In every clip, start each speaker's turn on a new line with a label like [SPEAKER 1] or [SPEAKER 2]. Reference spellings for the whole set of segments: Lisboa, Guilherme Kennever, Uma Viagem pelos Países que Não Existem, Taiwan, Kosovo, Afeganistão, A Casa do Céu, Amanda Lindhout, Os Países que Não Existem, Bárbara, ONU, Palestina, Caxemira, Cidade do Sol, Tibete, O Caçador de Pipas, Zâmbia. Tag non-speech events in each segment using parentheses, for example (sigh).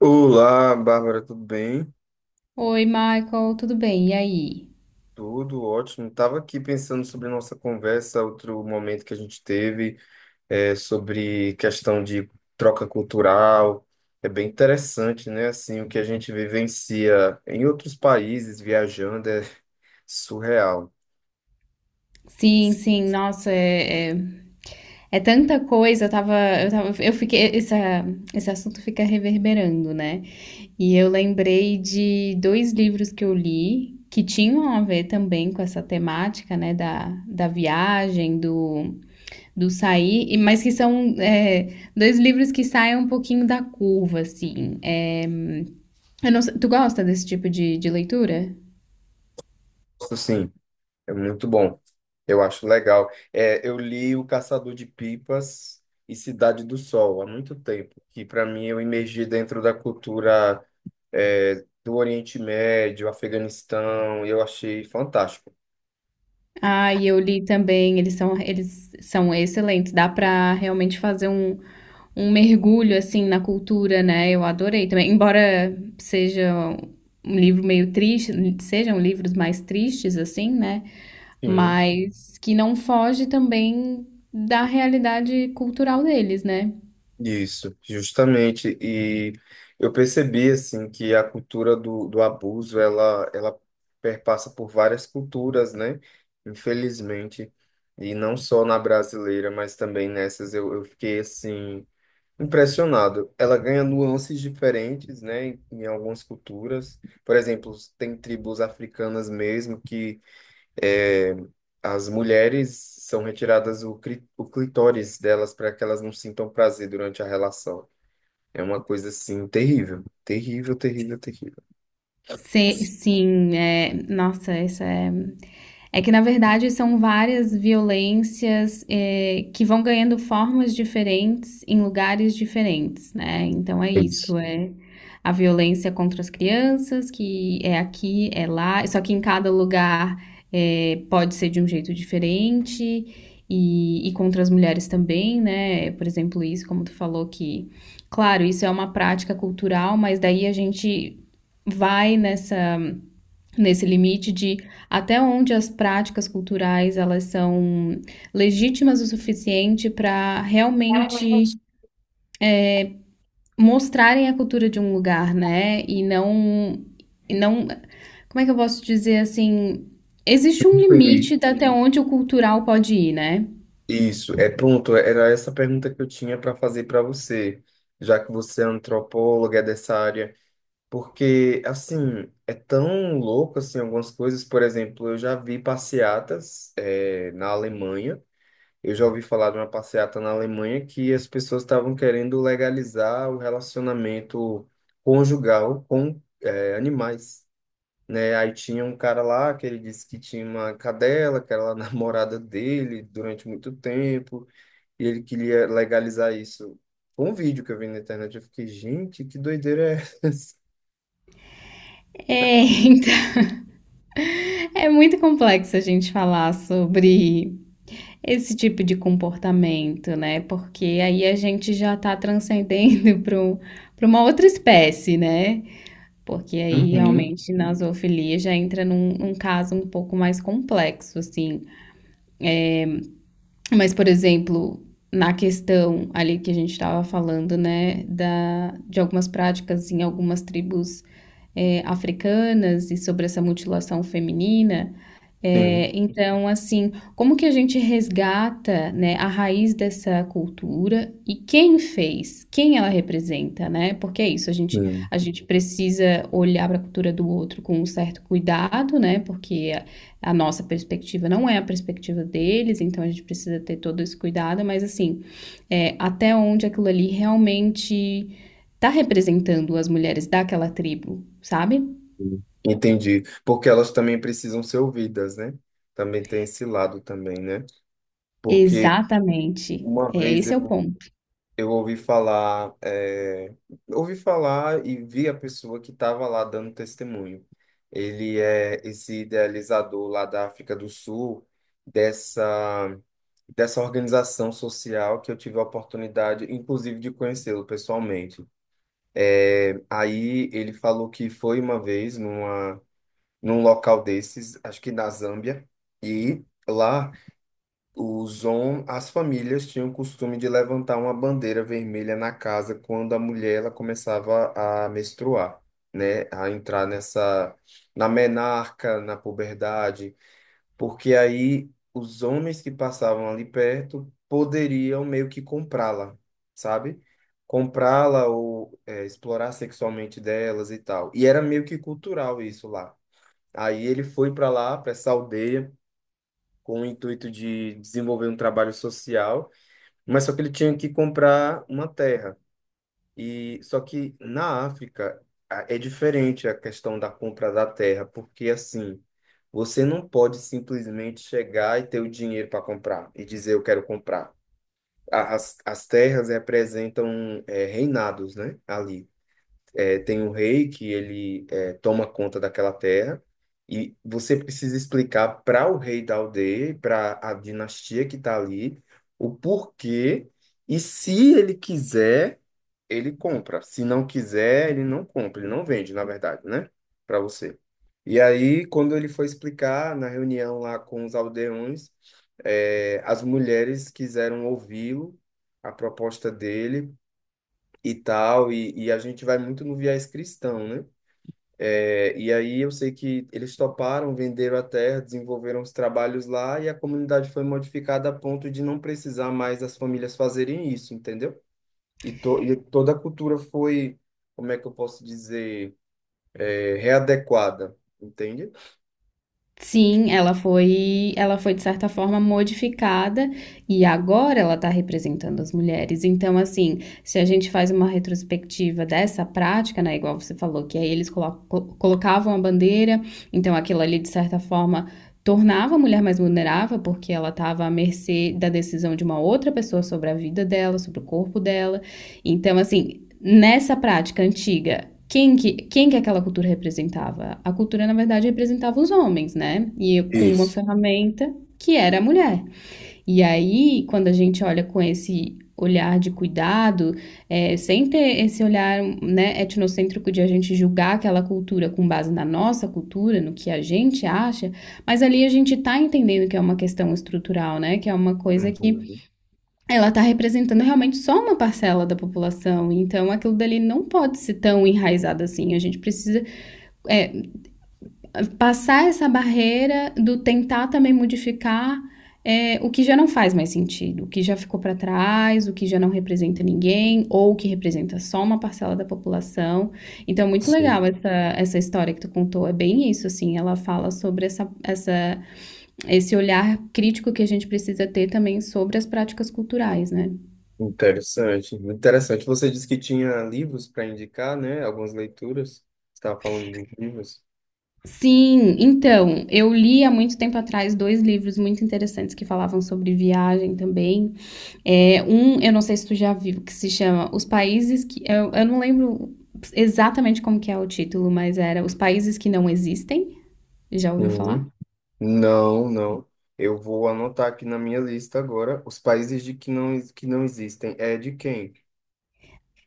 [SPEAKER 1] Olá, Bárbara, tudo bem?
[SPEAKER 2] Oi, Michael, tudo bem? E aí?
[SPEAKER 1] Tudo ótimo. Estava aqui pensando sobre nossa conversa, outro momento que a gente teve, sobre questão de troca cultural. É bem interessante, né? Assim, o que a gente vivencia em outros países viajando é surreal.
[SPEAKER 2] Sim, sim, nossa, é tanta coisa, eu tava, eu tava, eu fiquei, essa, esse assunto fica reverberando, né? E eu lembrei de dois livros que eu li que tinham a ver também com essa temática, né, da viagem, do sair, mas que são, dois livros que saem um pouquinho da curva, assim. Eu não sei- Tu gosta desse tipo de leitura?
[SPEAKER 1] Isso sim, é muito bom. Eu acho legal. É, eu li O Caçador de Pipas e Cidade do Sol há muito tempo, que para mim eu imergi dentro da cultura do Oriente Médio, Afeganistão, e eu achei fantástico.
[SPEAKER 2] Ah, e eu li também, eles são excelentes. Dá pra realmente fazer um mergulho assim na cultura, né? Eu adorei também. Embora seja um livro meio triste, sejam livros mais tristes assim, né?
[SPEAKER 1] Sim.
[SPEAKER 2] Mas que não foge também da realidade cultural deles, né?
[SPEAKER 1] Isso, justamente. E eu percebi assim que a cultura do abuso ela perpassa por várias culturas, né? Infelizmente, e não só na brasileira, mas também nessas eu fiquei assim impressionado. Ela ganha nuances diferentes, né? Em algumas culturas, por exemplo, tem tribos africanas mesmo que É, as mulheres são retiradas o, o clitóris delas para que elas não sintam prazer durante a relação. É uma coisa assim terrível, terrível, terrível, terrível.
[SPEAKER 2] Sim, nossa, essa é. É que, na verdade, são várias violências que vão ganhando formas diferentes em lugares diferentes, né? Então é
[SPEAKER 1] É isso.
[SPEAKER 2] isso, é a violência contra as crianças, que é aqui, é lá, só que em cada lugar pode ser de um jeito diferente, e contra as mulheres também, né? Por exemplo, isso, como tu falou, que, claro, isso é uma prática cultural, mas daí a gente vai nessa nesse limite de até onde as práticas culturais elas são legítimas o suficiente para realmente mostrarem a cultura de um lugar, né? E não, como é que eu posso dizer assim, existe um
[SPEAKER 1] Entendi.
[SPEAKER 2] limite de até onde o cultural pode ir, né?
[SPEAKER 1] Isso, é pronto. Era essa pergunta que eu tinha para fazer para você, já que você é antropóloga é dessa área, porque assim é tão louco assim algumas coisas. Por exemplo, eu já vi passeatas na Alemanha. Eu já ouvi falar de uma passeata na Alemanha que as pessoas estavam querendo legalizar o relacionamento conjugal com animais, né? Aí tinha um cara lá que ele disse que tinha uma cadela, que era a (laughs) namorada dele durante muito tempo, e ele queria legalizar isso. Foi um vídeo que eu vi na internet, eu fiquei, gente, que doideira é essa?
[SPEAKER 2] (laughs) Então, é muito complexo a gente falar sobre esse tipo de comportamento, né? Porque aí a gente já está transcendendo (laughs) para uma outra espécie, né? Porque aí
[SPEAKER 1] Uhum.
[SPEAKER 2] realmente na zoofilia já entra num caso um pouco mais complexo, assim. Mas, por exemplo, na questão ali que a gente estava falando, né, de algumas práticas em algumas tribos africanas e sobre essa mutilação feminina.
[SPEAKER 1] Sim,
[SPEAKER 2] É, então, assim, como que a gente resgata, né, a raiz dessa cultura e quem fez, quem ela representa, né? Porque é isso,
[SPEAKER 1] sim,
[SPEAKER 2] a gente precisa olhar para a cultura do outro com um certo cuidado, né? Porque a nossa perspectiva não é a perspectiva deles, então a gente precisa ter todo esse cuidado, mas assim, é, até onde aquilo ali realmente está representando as mulheres daquela tribo, sabe?
[SPEAKER 1] sim. Entendi. Porque elas também precisam ser ouvidas, né? Também tem esse lado também, né? Porque
[SPEAKER 2] Exatamente.
[SPEAKER 1] Uma
[SPEAKER 2] É,
[SPEAKER 1] vez
[SPEAKER 2] esse é o
[SPEAKER 1] eu,
[SPEAKER 2] ponto.
[SPEAKER 1] eu ouvi falar, ouvi falar e vi a pessoa que estava lá dando testemunho. Ele é esse idealizador lá da África do Sul, dessa, dessa organização social que eu tive a oportunidade, inclusive, de conhecê-lo pessoalmente. É, aí ele falou que foi uma vez num local desses, acho que na Zâmbia, e lá os hom as famílias tinham o costume de levantar uma bandeira vermelha na casa quando a mulher ela começava a menstruar, né? A entrar na menarca, na puberdade, porque aí os homens que passavam ali perto poderiam meio que comprá-la, sabe? Comprá-la ou explorar sexualmente delas e tal. E era meio que cultural isso lá. Aí ele foi para lá, para essa aldeia com o intuito de desenvolver um trabalho social, mas só que ele tinha que comprar uma terra. E só que na África é diferente a questão da compra da terra, porque assim, você não pode simplesmente chegar e ter o dinheiro para comprar e dizer eu quero comprar. As terras representam reinados, né? Ali. É, tem um rei que ele é, toma conta daquela terra e você precisa explicar para o rei da aldeia, para a dinastia que está ali, o porquê e se ele quiser, ele compra. Se não quiser, ele não compra, ele não vende, na verdade, né? Para você. E aí, quando ele foi explicar na reunião lá com os aldeões, é, as mulheres quiseram ouvi-lo, a proposta dele e tal, e a gente vai muito no viés cristão, né? É, e aí eu sei que eles toparam, venderam a terra, desenvolveram os trabalhos lá e a comunidade foi modificada a ponto de não precisar mais as famílias fazerem isso, entendeu? E toda a cultura foi, como é que eu posso dizer, é, readequada, entende?
[SPEAKER 2] Sim, ela foi de certa forma modificada e agora ela está representando as mulheres. Então, assim, se a gente faz uma retrospectiva dessa prática, né, igual você falou, que aí eles colocavam a bandeira, então aquilo ali de certa forma tornava a mulher mais vulnerável porque ela estava à mercê da decisão de uma outra pessoa sobre a vida dela, sobre o corpo dela. Então, assim, nessa prática antiga, quem que aquela cultura representava? A cultura, na verdade, representava os homens, né? E com uma
[SPEAKER 1] Isso.
[SPEAKER 2] ferramenta que era a mulher. E aí, quando a gente olha com esse olhar de cuidado, é, sem ter esse olhar né, etnocêntrico de a gente julgar aquela cultura com base na nossa cultura, no que a gente acha, mas ali a gente está entendendo que é uma questão estrutural, né? Que é uma coisa que
[SPEAKER 1] Uhum,
[SPEAKER 2] ela está representando realmente só uma parcela da população, então aquilo dali não pode ser tão enraizado assim. A gente precisa é, passar essa barreira do tentar também modificar é, o que já não faz mais sentido, o que já ficou para trás, o que já não representa ninguém, ou o que representa só uma parcela da população. Então, muito legal
[SPEAKER 1] sim.
[SPEAKER 2] essa história que tu contou, é bem isso, assim, ela fala sobre esse olhar crítico que a gente precisa ter também sobre as práticas culturais, né?
[SPEAKER 1] Interessante, interessante. Você disse que tinha livros para indicar, né? Algumas leituras. Você estava falando de livros.
[SPEAKER 2] Sim, então, eu li há muito tempo atrás dois livros muito interessantes que falavam sobre viagem também. É, um, eu não sei se tu já viu, que se chama Os Países que. Eu não lembro exatamente como que é o título, mas era Os Países que Não Existem. Já ouviu falar?
[SPEAKER 1] Uhum. Não, não. Eu vou anotar aqui na minha lista agora os países de que não existem. É de quem?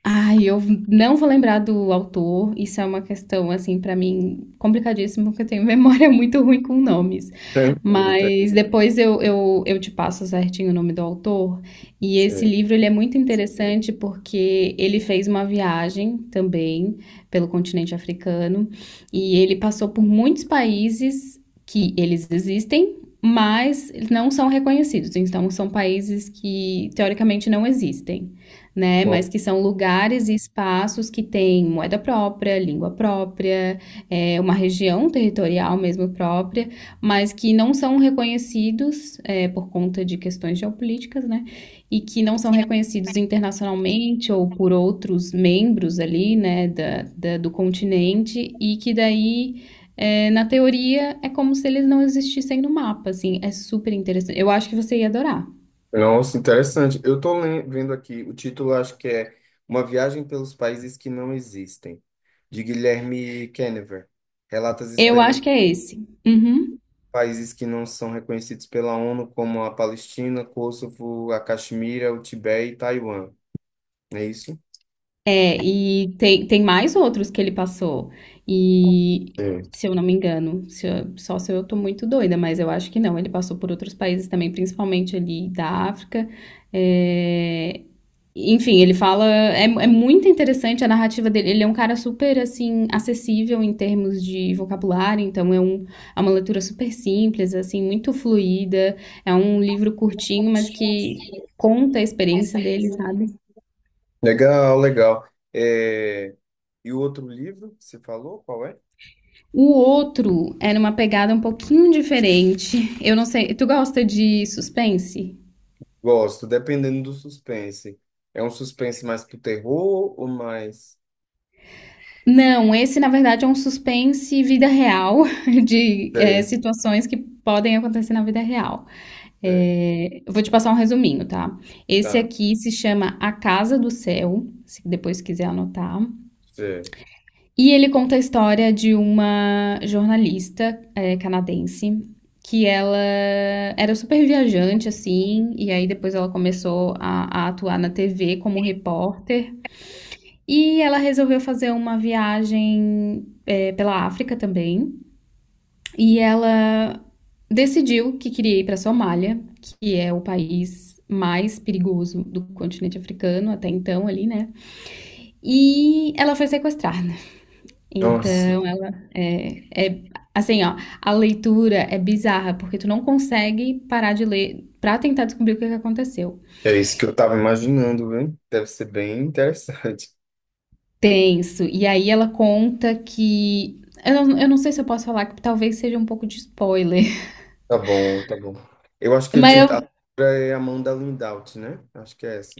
[SPEAKER 2] Ai, eu não vou lembrar do autor. Isso é uma questão, assim, pra mim complicadíssima, porque eu tenho memória (laughs) muito ruim com nomes.
[SPEAKER 1] Tranquilo, tá
[SPEAKER 2] Mas depois eu te passo certinho o nome do autor. E esse
[SPEAKER 1] certo.
[SPEAKER 2] livro ele é muito interessante porque ele fez uma viagem também pelo continente africano e ele passou por muitos países que eles existem, mas não são reconhecidos. Então, são países que teoricamente não existem né, mas
[SPEAKER 1] Bom,
[SPEAKER 2] que são lugares e espaços que têm moeda própria, língua própria, uma região territorial mesmo própria, mas que não são reconhecidos, por conta de questões geopolíticas, né, e que não são reconhecidos internacionalmente ou por outros membros ali, né, do continente, e que daí na teoria, é como se eles não existissem no mapa, assim, é super interessante. Eu acho que você ia adorar.
[SPEAKER 1] nossa, interessante. Eu estou vendo aqui, o título acho que é Uma Viagem pelos Países que Não Existem, de Guilherme Kennever. Relata as
[SPEAKER 2] Eu acho
[SPEAKER 1] experiências
[SPEAKER 2] que é esse. Uhum.
[SPEAKER 1] de países que não são reconhecidos pela ONU, como a Palestina, Kosovo, a Caxemira, o Tibete e Taiwan. Não é isso?
[SPEAKER 2] É, e tem mais outros que ele passou. E,
[SPEAKER 1] Certo.
[SPEAKER 2] se eu não me engano, se eu- só se eu tô muito doida, mas eu acho que não. Ele passou por outros países também, principalmente ali da África. É, enfim, ele fala. É muito interessante a narrativa dele. Ele é um cara super, assim, acessível em termos de vocabulário, então é uma leitura super simples, assim, muito fluida. É um livro curtinho, mas que conta a experiência dele, sabe?
[SPEAKER 1] Legal, legal. É, e o outro livro que você falou, qual é?
[SPEAKER 2] O outro era uma pegada um pouquinho diferente. Eu não sei. Tu gosta de suspense?
[SPEAKER 1] Gosto, dependendo do suspense. É um suspense mais pro terror ou mais.
[SPEAKER 2] Não, esse na verdade é um suspense vida real, (laughs) de
[SPEAKER 1] Certo,
[SPEAKER 2] situações que podem acontecer na vida real.
[SPEAKER 1] certo,
[SPEAKER 2] É, eu vou te passar um resuminho, tá? Esse
[SPEAKER 1] tá,
[SPEAKER 2] aqui se chama A Casa do Céu, se depois quiser anotar.
[SPEAKER 1] certo.
[SPEAKER 2] E ele conta a história de uma jornalista canadense que ela era super viajante, assim, e aí depois ela começou a atuar na TV como repórter. E ela resolveu fazer uma viagem pela África também. E ela decidiu que queria ir para a Somália, que é o país mais perigoso do continente africano até então ali, né? E ela foi sequestrada.
[SPEAKER 1] Nossa,
[SPEAKER 2] Então ela é, assim, ó, a leitura é bizarra, porque tu não consegue parar de ler pra tentar descobrir o que é que aconteceu.
[SPEAKER 1] é isso que eu tava imaginando, viu? Deve ser bem interessante. (laughs)
[SPEAKER 2] Tenso. E aí ela conta que eu não sei se eu posso falar, que talvez seja um pouco de spoiler,
[SPEAKER 1] Tá bom, tá bom. Eu acho que
[SPEAKER 2] (laughs)
[SPEAKER 1] o
[SPEAKER 2] mas
[SPEAKER 1] título a
[SPEAKER 2] eu
[SPEAKER 1] autora é Amanda Lindhout, né? Acho que é essa.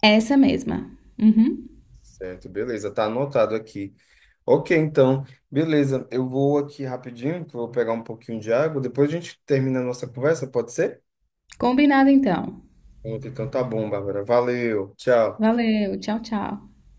[SPEAKER 2] essa mesma. Uhum.
[SPEAKER 1] Certo, beleza, tá anotado aqui. Ok, então, beleza. Eu vou aqui rapidinho, que eu vou pegar um pouquinho de água. Depois a gente termina a nossa conversa, pode ser?
[SPEAKER 2] Combinado então.
[SPEAKER 1] Então tá bom, Bárbara. Valeu, tchau.
[SPEAKER 2] Valeu, tchau, tchau.